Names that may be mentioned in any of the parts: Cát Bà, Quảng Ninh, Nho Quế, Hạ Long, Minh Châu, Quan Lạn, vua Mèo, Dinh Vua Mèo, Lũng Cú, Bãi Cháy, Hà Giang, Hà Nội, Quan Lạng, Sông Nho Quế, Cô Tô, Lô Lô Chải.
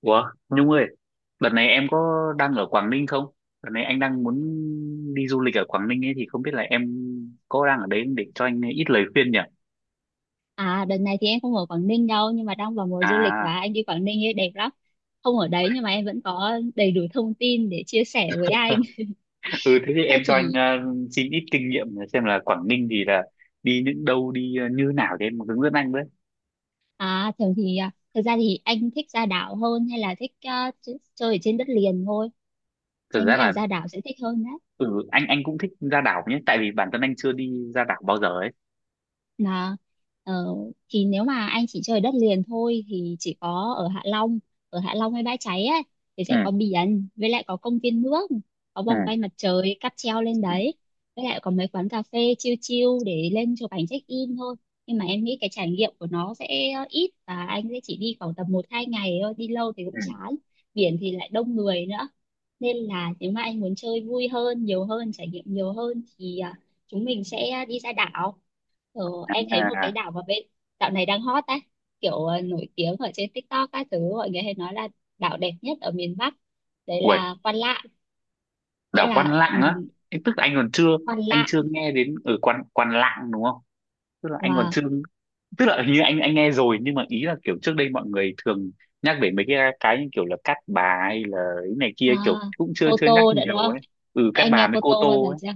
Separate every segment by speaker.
Speaker 1: Ủa, Nhung ơi, đợt này em có đang ở Quảng Ninh không? Đợt này anh đang muốn đi du lịch ở Quảng Ninh ấy thì không biết là em có đang ở đấy không để cho anh ít lời khuyên nhỉ?
Speaker 2: À đợt này thì em không ở Quảng Ninh đâu, nhưng mà đang vào mùa du lịch
Speaker 1: À,
Speaker 2: và anh đi Quảng Ninh ấy đẹp lắm. Không ở đấy nhưng mà em vẫn có đầy đủ thông tin để chia sẻ với anh.
Speaker 1: ừ, thế thì
Speaker 2: Thế
Speaker 1: em cho anh
Speaker 2: thì
Speaker 1: xin ít kinh nghiệm xem là Quảng Ninh thì là đi những đâu, đi như nào thì em hướng dẫn anh với.
Speaker 2: thường thì, thực ra thì anh thích ra đảo hơn hay là thích, chơi ở trên đất liền thôi?
Speaker 1: Thực
Speaker 2: Em
Speaker 1: ra
Speaker 2: nghĩ
Speaker 1: là
Speaker 2: là ra đảo sẽ thích hơn
Speaker 1: ừ, anh cũng thích ra đảo nhé, tại vì bản thân anh chưa đi ra đảo bao giờ ấy.
Speaker 2: là, ờ, thì nếu mà anh chỉ chơi đất liền thôi thì chỉ có ở Hạ Long hay Bãi Cháy ấy, thì
Speaker 1: Ừ,
Speaker 2: sẽ có biển, với lại có công viên nước, có
Speaker 1: ừ,
Speaker 2: vòng quay mặt trời, cáp treo lên
Speaker 1: ừ.
Speaker 2: đấy, với lại có mấy quán cà phê chill chill để lên chụp ảnh check in thôi. Nhưng mà em nghĩ cái trải nghiệm của nó sẽ ít, và anh sẽ chỉ đi khoảng tầm một hai ngày thôi, đi lâu thì
Speaker 1: Ừ.
Speaker 2: cũng chán. Biển thì lại đông người nữa, nên là nếu mà anh muốn chơi vui hơn, nhiều hơn, trải nghiệm nhiều hơn thì chúng mình sẽ đi ra đảo. Ờ, em thấy một
Speaker 1: À,
Speaker 2: cái đảo mà bên dạo này đang hot ấy, kiểu nổi tiếng ở trên TikTok các thứ, mọi người hay nói là đảo đẹp nhất ở miền Bắc, đấy
Speaker 1: ui,
Speaker 2: là Quan Lạn. Nghĩa
Speaker 1: đảo Quan
Speaker 2: là,
Speaker 1: Lạng á, Tức là anh còn chưa,
Speaker 2: Quan
Speaker 1: anh chưa
Speaker 2: Lạn
Speaker 1: nghe đến ở Quan Quan Lạng đúng không? Tức là anh còn
Speaker 2: và
Speaker 1: chưa, tức là hình như anh nghe rồi nhưng mà ý là kiểu trước đây mọi người thường nhắc về mấy cái như kiểu là Cát Bà hay là cái này kia, kiểu
Speaker 2: à,
Speaker 1: cũng chưa
Speaker 2: Cô
Speaker 1: chưa nhắc
Speaker 2: Tô đã, đúng
Speaker 1: nhiều
Speaker 2: không,
Speaker 1: ấy. Ừ, Cát
Speaker 2: em
Speaker 1: Bà
Speaker 2: nghe
Speaker 1: với
Speaker 2: Cô
Speaker 1: Cô
Speaker 2: Tô bao
Speaker 1: Tô
Speaker 2: giờ
Speaker 1: ấy.
Speaker 2: chưa?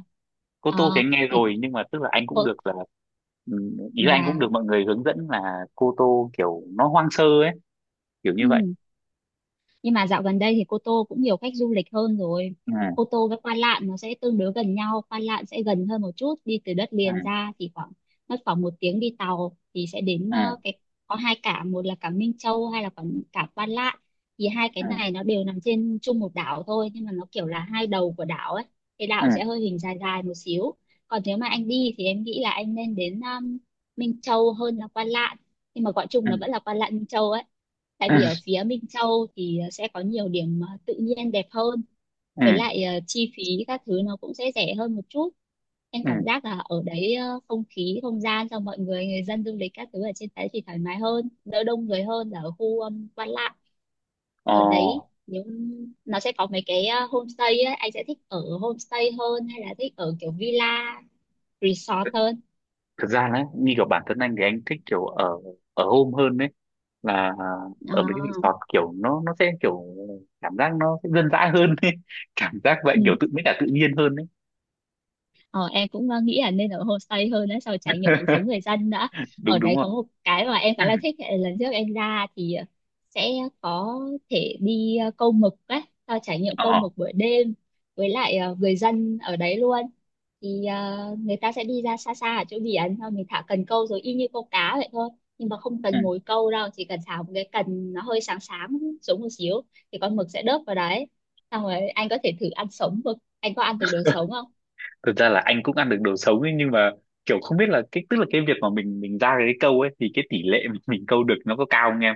Speaker 1: Cô Tô thì
Speaker 2: Ờ,
Speaker 1: anh nghe
Speaker 2: thì
Speaker 1: rồi nhưng mà tức là anh cũng
Speaker 2: cô
Speaker 1: được là ừ, ý là anh cũng
Speaker 2: và
Speaker 1: được mọi người hướng dẫn là Cô Tô kiểu nó hoang sơ ấy, kiểu như vậy.
Speaker 2: ừ, nhưng mà dạo gần đây thì Cô Tô cũng nhiều khách du lịch hơn rồi.
Speaker 1: Ừ,
Speaker 2: Cô Tô với Quan Lạn nó sẽ tương đối gần nhau, Quan Lạn sẽ gần hơn một chút, đi từ đất liền
Speaker 1: ừ,
Speaker 2: ra thì khoảng, mất khoảng một tiếng đi tàu thì sẽ đến
Speaker 1: ừ,
Speaker 2: cái, có hai cảng, một là cảng Minh Châu hay là cảng cảng Quan Lạn. Thì hai cái
Speaker 1: ừ,
Speaker 2: này nó đều nằm trên chung một đảo thôi, nhưng mà nó kiểu là hai đầu của đảo ấy, cái
Speaker 1: ừ,
Speaker 2: đảo sẽ hơi hình dài dài một xíu. Còn nếu mà anh đi thì em nghĩ là anh nên đến, Minh Châu hơn là Quan Lạn, nhưng mà gọi chung
Speaker 1: ừ,
Speaker 2: nó vẫn là Quan Lạn Minh Châu ấy. Tại vì
Speaker 1: ừ,
Speaker 2: ở phía Minh Châu thì, sẽ có nhiều điểm, tự nhiên đẹp hơn, với
Speaker 1: ừ,
Speaker 2: lại chi phí các thứ nó cũng sẽ rẻ hơn một chút. Em
Speaker 1: ừ.
Speaker 2: cảm giác là ở đấy, không khí không gian cho mọi người, người dân du lịch các thứ ở trên đấy thì thoải mái hơn, đỡ đông người hơn là ở khu, Quan Lạn.
Speaker 1: ờ
Speaker 2: Ở đấy nếu nó sẽ có mấy cái, homestay ấy, anh sẽ thích ở homestay hơn hay là thích ở kiểu villa resort hơn?
Speaker 1: Thực ra là như kiểu bản thân anh thì anh thích kiểu ở, ở home hơn đấy, là ở mấy cái
Speaker 2: à,
Speaker 1: resort kiểu nó sẽ kiểu cảm giác nó sẽ dân dã hơn ấy. Cảm giác vậy,
Speaker 2: ừ.
Speaker 1: kiểu tự mới cả tự nhiên hơn đấy,
Speaker 2: Ờ, em cũng nghĩ là nên ở homestay hơn đã, sau trải nghiệm cuộc sống người dân đã. Ở
Speaker 1: đúng đúng
Speaker 2: đấy có
Speaker 1: không.
Speaker 2: một cái mà em khá
Speaker 1: Ừ.
Speaker 2: là thích là lần trước em ra thì, sẽ có thể đi, câu mực ấy, sau trải nghiệm câu
Speaker 1: Ờ.
Speaker 2: mực buổi đêm với lại, người dân ở đấy luôn. Thì, người ta sẽ đi ra xa xa ở chỗ biển, xong mình thả cần câu rồi y như câu cá vậy thôi. Nhưng mà không
Speaker 1: Ừ.
Speaker 2: cần ngồi câu đâu, chỉ cần thả một cái cần nó hơi sáng sáng xuống một xíu thì con mực sẽ đớp vào đấy. Xong rồi anh có thể thử ăn sống mực. Anh có ăn được đồ sống không?
Speaker 1: Thực ra là anh cũng ăn được đồ sống ấy, nhưng mà kiểu không biết là cái, tức là cái việc mà mình ra cái câu ấy thì cái tỷ lệ mà mình câu được nó có cao không em.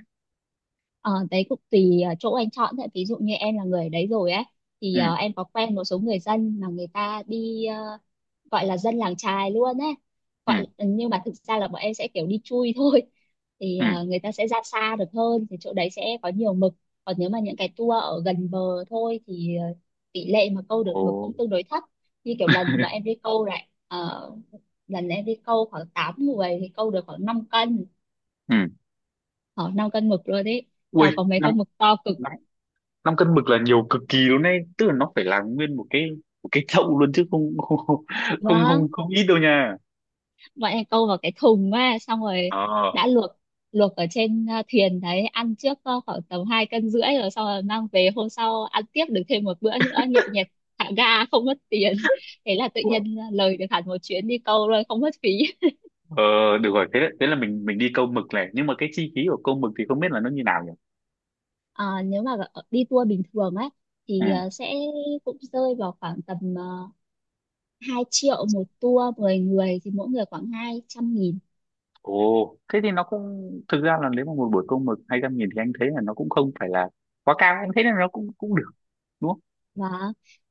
Speaker 2: Ờ, đấy cũng tùy chỗ anh chọn thôi. Ví dụ như em là người ở đấy rồi ấy thì,
Speaker 1: Ừ,
Speaker 2: em có quen một số người dân mà người ta đi, gọi là dân làng chài luôn ấy,
Speaker 1: ừ,
Speaker 2: gọi ừ, nhưng mà thực ra là bọn em sẽ kiểu đi chui thôi. Thì
Speaker 1: ừ,
Speaker 2: người ta sẽ ra xa được hơn thì chỗ đấy sẽ có nhiều mực, còn nếu mà những cái tour ở gần bờ thôi thì, tỷ lệ mà câu được
Speaker 1: ồ,
Speaker 2: mực cũng tương đối thấp. Như kiểu lần mà em đi câu lại, lần em đi câu khoảng 8 người thì câu được khoảng 5 cân,
Speaker 1: ừ,
Speaker 2: khoảng 5 cân mực luôn đấy.
Speaker 1: ui,
Speaker 2: Tàu có mấy
Speaker 1: năm
Speaker 2: con mực to cực.
Speaker 1: 5 cân mực là nhiều cực kỳ luôn đấy, tức là nó phải là nguyên một cái, một cái chậu luôn chứ không không không.
Speaker 2: Vâng,
Speaker 1: Không không, ít đâu nha.
Speaker 2: bọn em câu vào cái thùng á, xong rồi
Speaker 1: Ờ,
Speaker 2: đã luộc luộc ở trên thuyền đấy, ăn trước khoảng tầm hai cân rưỡi rồi, xong rồi mang về hôm sau ăn tiếp được thêm một bữa nữa, nhậu nhẹt thả ga không mất tiền. Thế là tự nhiên lời được hẳn một chuyến đi câu rồi, không mất phí.
Speaker 1: ờ, được rồi, thế thế là mình đi câu mực này, nhưng mà cái chi phí của câu mực thì không biết là nó như nào nhỉ.
Speaker 2: Ờ, nếu mà đi tour bình thường ấy
Speaker 1: Ừ,
Speaker 2: thì sẽ cũng rơi vào khoảng tầm, uh, 2 triệu một tour, 10 người thì mỗi người khoảng 200.000.
Speaker 1: ồ, thế thì nó cũng, thực ra là nếu mà một buổi câu mực 200.000 thì anh thấy là nó cũng không phải là quá cao, anh thấy là nó cũng cũng được, đúng không.
Speaker 2: và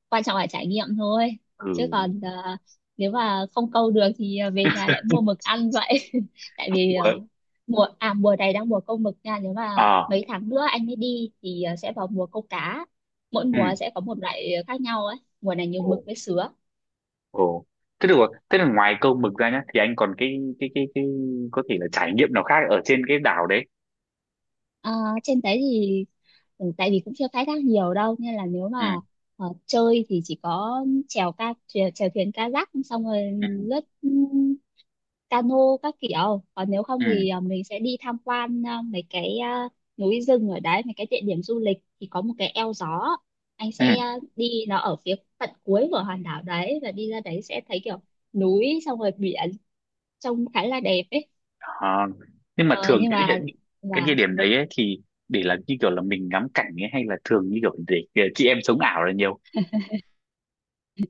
Speaker 2: quan trọng là trải nghiệm thôi,
Speaker 1: Ừ.
Speaker 2: chứ còn nếu mà không câu được thì về nhà lại mua mực ăn vậy. Tại vì
Speaker 1: Ủa?
Speaker 2: mùa mùa này đang mùa câu mực nha. Nếu mà
Speaker 1: À,
Speaker 2: mấy tháng nữa anh mới đi thì sẽ vào mùa câu cá, mỗi
Speaker 1: ừ.
Speaker 2: mùa sẽ có một loại khác nhau ấy, mùa này nhiều
Speaker 1: Ồ.
Speaker 2: mực với sứa.
Speaker 1: Ồ. Thế được rồi. Thế là ngoài câu mực ra nhá thì anh còn cái có thể là trải nghiệm nào khác ở trên cái đảo đấy.
Speaker 2: Ờ, trên đấy thì ừ, tại vì cũng chưa khai thác nhiều đâu nên là nếu
Speaker 1: Ừ,
Speaker 2: mà chơi thì chỉ có chèo thuyền kayak, xong rồi
Speaker 1: ừ,
Speaker 2: lướt cano các kiểu. Còn nếu không
Speaker 1: ừ,
Speaker 2: thì mình sẽ đi tham quan mấy cái núi rừng ở đấy, mấy cái địa điểm du lịch thì có một cái eo gió. Anh
Speaker 1: ừ.
Speaker 2: sẽ đi, nó ở phía tận cuối của hòn đảo đấy và đi ra đấy sẽ thấy kiểu núi xong rồi biển, trông khá là đẹp ấy.
Speaker 1: À, nhưng mà
Speaker 2: Ờ,
Speaker 1: thường
Speaker 2: nhưng
Speaker 1: cái địa,
Speaker 2: mà
Speaker 1: cái địa
Speaker 2: và
Speaker 1: điểm đấy ấy, thì để là như kiểu là mình ngắm cảnh ấy hay là thường như kiểu để chị em sống ảo là nhiều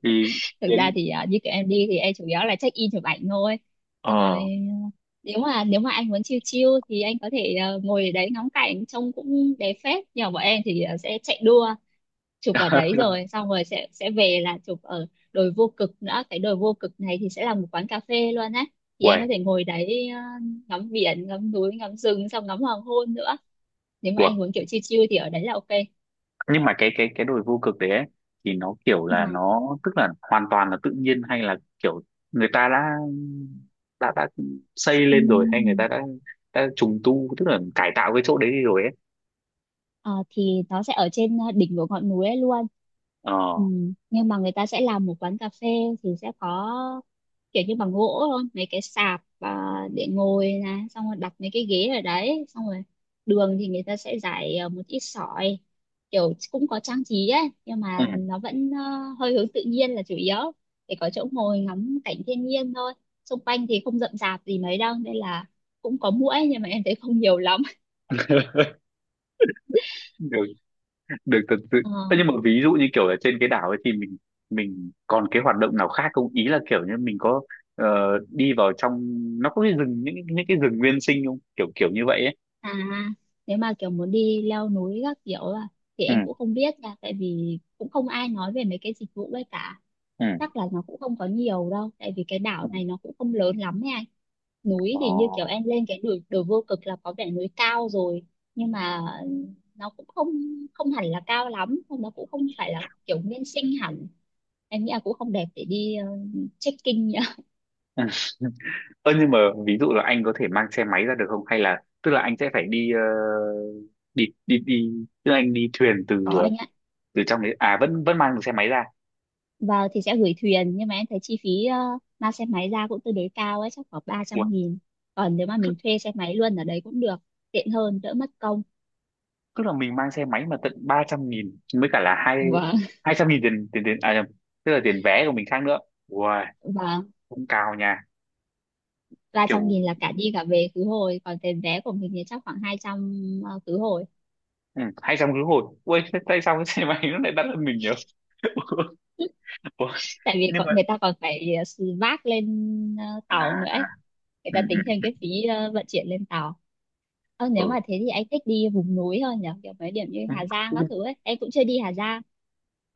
Speaker 1: thì thì
Speaker 2: thực ra
Speaker 1: anh
Speaker 2: thì như kiểu em đi thì em chủ yếu là check in chụp ảnh thôi, xong rồi
Speaker 1: ờ
Speaker 2: nếu mà anh muốn chill chill thì anh có thể ngồi ở đấy ngắm cảnh, trông cũng đẹp phết. Nhưng mà bọn em thì sẽ chạy đua chụp ở đấy rồi, xong rồi sẽ về là chụp ở đồi vô cực nữa. Cái đồi vô cực này thì sẽ là một quán cà phê luôn á, thì anh
Speaker 1: Uầy,
Speaker 2: có thể ngồi đấy, ngắm biển, ngắm núi, ngắm rừng, xong ngắm hoàng hôn nữa. Nếu mà
Speaker 1: uầy.
Speaker 2: anh muốn kiểu chill chill thì ở đấy là ok.
Speaker 1: Nhưng mà cái đồi vô cực đấy ấy, thì nó kiểu là
Speaker 2: Này,
Speaker 1: nó, tức là hoàn toàn là tự nhiên hay là kiểu người ta đã đã đã xây lên rồi hay người
Speaker 2: ừm,
Speaker 1: ta đã trùng tu, tức là cải tạo cái chỗ đấy đi rồi ấy.
Speaker 2: ờ, thì nó sẽ ở trên đỉnh của ngọn núi ấy luôn.
Speaker 1: Ờ,
Speaker 2: Nhưng mà người ta sẽ làm một quán cà phê, thì sẽ có kiểu như bằng gỗ thôi, mấy cái sạp để ngồi này, xong rồi đặt mấy cái ghế ở đấy, xong rồi đường thì người ta sẽ rải một ít sỏi, kiểu cũng có trang trí ấy, nhưng
Speaker 1: ừ.
Speaker 2: mà nó vẫn hơi hướng tự nhiên là chủ yếu, để có chỗ ngồi ngắm cảnh thiên nhiên thôi. Xung quanh thì không rậm rạp gì mấy đâu nên là cũng có muỗi, nhưng mà em thấy không nhiều lắm.
Speaker 1: Được, được thật sự. Ơ,
Speaker 2: Ờ,
Speaker 1: nhưng mà ví dụ như kiểu là trên cái đảo ấy thì mình còn cái hoạt động nào khác không, ý là kiểu như mình có ờ, đi vào trong, nó có cái rừng, những cái rừng nguyên sinh không, kiểu kiểu như vậy ấy.
Speaker 2: à nếu mà kiểu muốn đi leo núi các kiểu thì
Speaker 1: Ừ,
Speaker 2: em cũng không biết nha, tại vì cũng không ai nói về mấy cái dịch vụ ấy cả.
Speaker 1: ừ,
Speaker 2: Chắc là nó cũng không có nhiều đâu, tại vì cái
Speaker 1: ừ,
Speaker 2: đảo này nó cũng không lớn lắm ấy anh. Núi
Speaker 1: ờ.
Speaker 2: thì như kiểu em lên cái đồi đồi vô cực là có vẻ núi cao rồi, nhưng mà nó cũng không không hẳn là cao lắm, nó cũng không phải là kiểu nguyên sinh hẳn. Em nghĩ là cũng không đẹp để đi trekking nhá.
Speaker 1: Ơ nhưng mà ví dụ là anh có thể mang xe máy ra được không? Hay là tức là anh sẽ phải đi đi, tức là anh đi thuyền từ
Speaker 2: Có anh ạ,
Speaker 1: từ trong đấy à, vẫn vẫn mang được xe máy ra.
Speaker 2: và thì sẽ gửi thuyền, nhưng mà em thấy chi phí, mang xe máy ra cũng tương đối cao ấy, chắc khoảng ba
Speaker 1: Ủa,
Speaker 2: trăm nghìn Còn nếu mà mình thuê xe máy luôn ở đấy cũng được, tiện hơn đỡ mất công.
Speaker 1: tức là mình mang xe máy mà tận 300.000 mới cả là hai
Speaker 2: Vâng,
Speaker 1: 200.000 tiền tiền tiền, à nhầm, tức là tiền vé của mình khác nữa. Ui,
Speaker 2: và
Speaker 1: cũng cao nha.
Speaker 2: 300
Speaker 1: Kiểu
Speaker 2: nghìn là cả đi cả về khứ hồi, còn tiền vé của mình thì chắc khoảng 200, khứ hồi.
Speaker 1: ừ, 200 khứ hồi. Ui, thế tại sao cái xe máy nó lại đắt hơn mình nhỉ? Ủa,
Speaker 2: Tại vì
Speaker 1: nhưng mà
Speaker 2: còn, người ta còn phải xì vác lên
Speaker 1: à,
Speaker 2: tàu nữa ấy.
Speaker 1: à,
Speaker 2: Người
Speaker 1: ừ,
Speaker 2: ta
Speaker 1: ừ,
Speaker 2: tính thêm cái phí vận chuyển lên tàu. Ờ, nếu
Speaker 1: ừ.
Speaker 2: mà thế thì anh thích đi vùng núi hơn nhỉ, kiểu mấy điểm như Hà Giang
Speaker 1: Ừ.
Speaker 2: các thứ ấy, em cũng chưa đi Hà Giang.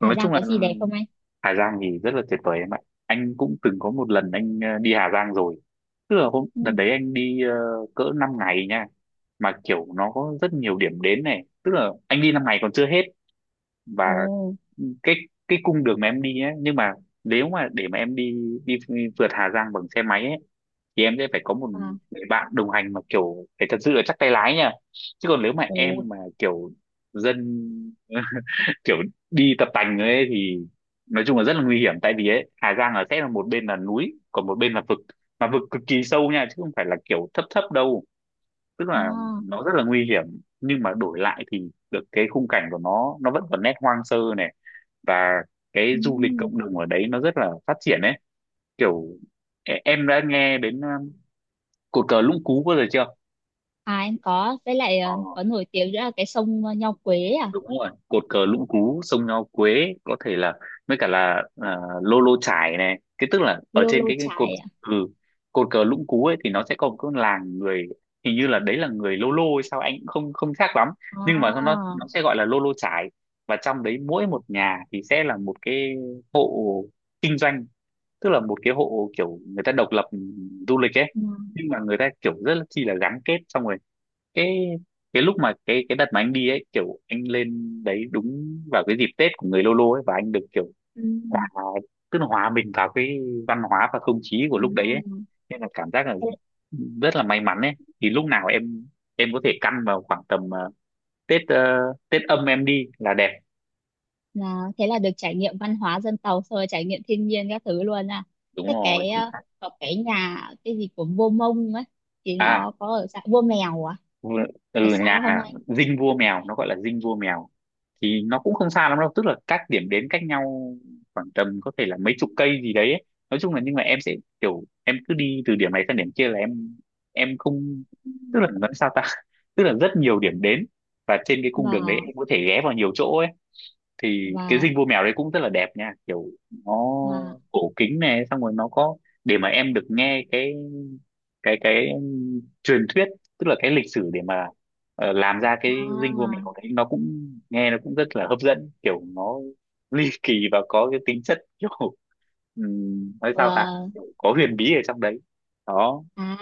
Speaker 2: Hà Giang
Speaker 1: chung là
Speaker 2: có gì đẹp không anh?
Speaker 1: Hà Giang thì rất là tuyệt vời em ạ, anh cũng từng có một lần anh đi Hà Giang rồi, tức là hôm
Speaker 2: Ừ.
Speaker 1: đợt đấy anh đi cỡ 5 ngày nha, mà kiểu nó có rất nhiều điểm đến này, tức là anh đi 5 ngày còn chưa hết và
Speaker 2: Ồ.
Speaker 1: cái cái cung đường mà em đi ấy, nhưng mà nếu mà để mà em đi đi vượt Hà Giang bằng xe máy ấy thì em sẽ phải có một
Speaker 2: À,
Speaker 1: người bạn đồng hành mà kiểu phải thật sự là chắc tay lái nha, chứ còn nếu mà em
Speaker 2: ồ.
Speaker 1: mà kiểu dân kiểu đi tập tành ấy thì nói chung là rất là nguy hiểm, tại vì ấy Hà Giang là sẽ là một bên là núi còn một bên là vực, mà vực cực kỳ sâu nha chứ không phải là kiểu thấp thấp đâu, tức là
Speaker 2: À,
Speaker 1: nó rất là nguy hiểm, nhưng mà đổi lại thì được cái khung cảnh của nó vẫn còn nét hoang sơ này, và cái
Speaker 2: ừ.
Speaker 1: du lịch cộng đồng ở đấy nó rất là phát triển ấy, kiểu em đã nghe đến cột cờ Lũng Cú bao giờ chưa,
Speaker 2: À em có, với lại có nổi tiếng nữa là cái sông, Nho Quế à.
Speaker 1: đúng rồi, cột cờ Lũng Cú, sông Nho Quế, có thể là với cả là à, Lô Lô Chải này, cái tức là ở
Speaker 2: Lô
Speaker 1: trên
Speaker 2: Lô
Speaker 1: cái cột
Speaker 2: Chải à.
Speaker 1: ừ, cột cờ Lũng Cú ấy thì nó sẽ có một cái làng người, hình như là đấy là người Lô Lô hay sao, anh cũng không không chắc lắm, nhưng mà nó
Speaker 2: À.
Speaker 1: nó sẽ gọi là Lô Lô Chải, và trong đấy mỗi một nhà thì sẽ là một cái hộ kinh doanh, tức là một cái hộ kiểu người ta độc lập ừ, du lịch ấy, nhưng mà người ta kiểu rất là chi là gắn kết, xong rồi cái cái lúc mà cái đợt mà anh đi ấy, kiểu anh lên đấy đúng vào cái dịp Tết của người Lô Lô ấy, và anh được kiểu
Speaker 2: Ừ.
Speaker 1: hòa, tức là hòa mình vào cái văn hóa và không khí của
Speaker 2: À,
Speaker 1: lúc đấy ấy, nên là cảm giác là
Speaker 2: thế
Speaker 1: rất là may mắn ấy, thì lúc nào em có thể căn vào khoảng tầm Tết Tết âm em đi là đẹp,
Speaker 2: thế là được trải nghiệm văn hóa dân tộc, xong rồi trải nghiệm thiên nhiên các thứ luôn à.
Speaker 1: đúng
Speaker 2: Thế
Speaker 1: rồi
Speaker 2: cái,
Speaker 1: chính xác.
Speaker 2: có cái nhà cái gì của vua Mông ấy, thì
Speaker 1: À,
Speaker 2: nó có ở xã vua Mèo à,
Speaker 1: vừa- từ
Speaker 2: có xa không
Speaker 1: nhà
Speaker 2: anh?
Speaker 1: dinh vua mèo, nó gọi là dinh vua mèo thì nó cũng không xa lắm đâu, tức là các điểm đến cách nhau khoảng tầm có thể là mấy chục cây gì đấy ấy. Nói chung là nhưng mà em sẽ kiểu em cứ đi từ điểm này sang điểm kia là em không
Speaker 2: Ừ.
Speaker 1: tức là nói sao ta, tức là rất nhiều điểm đến và trên cái cung đường đấy
Speaker 2: và
Speaker 1: em có thể ghé vào nhiều chỗ ấy, thì cái
Speaker 2: và
Speaker 1: dinh vua mèo đấy cũng rất là đẹp nha, kiểu nó
Speaker 2: và
Speaker 1: cổ kính này xong rồi nó có để mà em được nghe cái, truyền thuyết, tức là cái lịch sử để mà làm ra cái dinh vua mèo
Speaker 2: à
Speaker 1: đấy, nó cũng nghe nó cũng rất là hấp dẫn kiểu nó ly kỳ và có cái tính chất kiểu nói sao ta,
Speaker 2: và
Speaker 1: kiểu có huyền bí ở trong đấy đó.
Speaker 2: à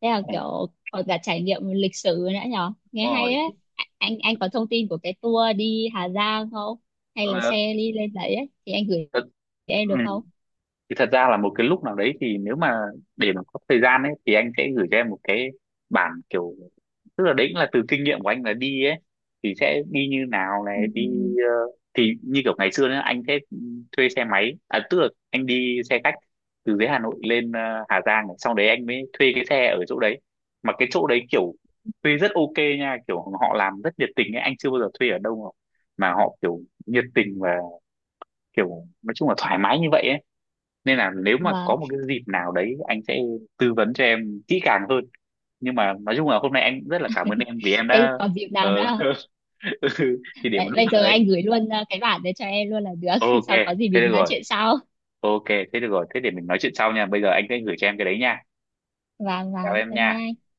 Speaker 2: thế là
Speaker 1: Ừ,
Speaker 2: kiểu còn cả trải nghiệm lịch sử nữa nhở, nghe
Speaker 1: đúng
Speaker 2: hay
Speaker 1: rồi.
Speaker 2: ấy. Anh có thông tin của cái tour đi Hà Giang không, hay là
Speaker 1: Ờ,
Speaker 2: xe đi lên đấy ấy thì anh gửi
Speaker 1: thật,
Speaker 2: cho em
Speaker 1: ừ,
Speaker 2: được không?
Speaker 1: thì thật ra là một cái lúc nào đấy thì nếu mà để mà có thời gian ấy thì anh sẽ gửi cho em một cái bản kiểu, tức là đấy cũng là từ kinh nghiệm của anh là đi ấy thì sẽ đi như nào này, đi ờ, thì như kiểu ngày xưa nữa anh sẽ thuê xe máy à, tức là anh đi xe khách từ dưới Hà Nội lên Hà Giang, sau đấy anh mới thuê cái xe ở chỗ đấy, mà cái chỗ đấy kiểu thuê rất ok nha, kiểu họ làm rất nhiệt tình ấy, anh chưa bao giờ thuê ở đâu mà họ kiểu nhiệt tình và kiểu nói chung là thoải mái như vậy ấy, nên là nếu
Speaker 2: Ừ.
Speaker 1: mà có một cái dịp nào đấy anh sẽ tư vấn cho em kỹ càng hơn, nhưng mà nói chung là hôm nay anh cũng rất là cảm ơn em vì em
Speaker 2: Thế
Speaker 1: đã
Speaker 2: còn dịp
Speaker 1: ờ,
Speaker 2: nào nữa không?
Speaker 1: thì để một
Speaker 2: Vậy
Speaker 1: lúc
Speaker 2: bây
Speaker 1: nào
Speaker 2: giờ
Speaker 1: đấy.
Speaker 2: anh gửi luôn cái bản đấy cho em luôn là được.
Speaker 1: Ok
Speaker 2: Sau có gì
Speaker 1: thế được
Speaker 2: mình nói
Speaker 1: rồi,
Speaker 2: chuyện sau.
Speaker 1: ok thế được rồi, thế để mình nói chuyện sau nha, bây giờ anh sẽ gửi cho em cái đấy nha,
Speaker 2: Vâng,
Speaker 1: chào
Speaker 2: vâng.
Speaker 1: em
Speaker 2: Bye
Speaker 1: nha.
Speaker 2: bye.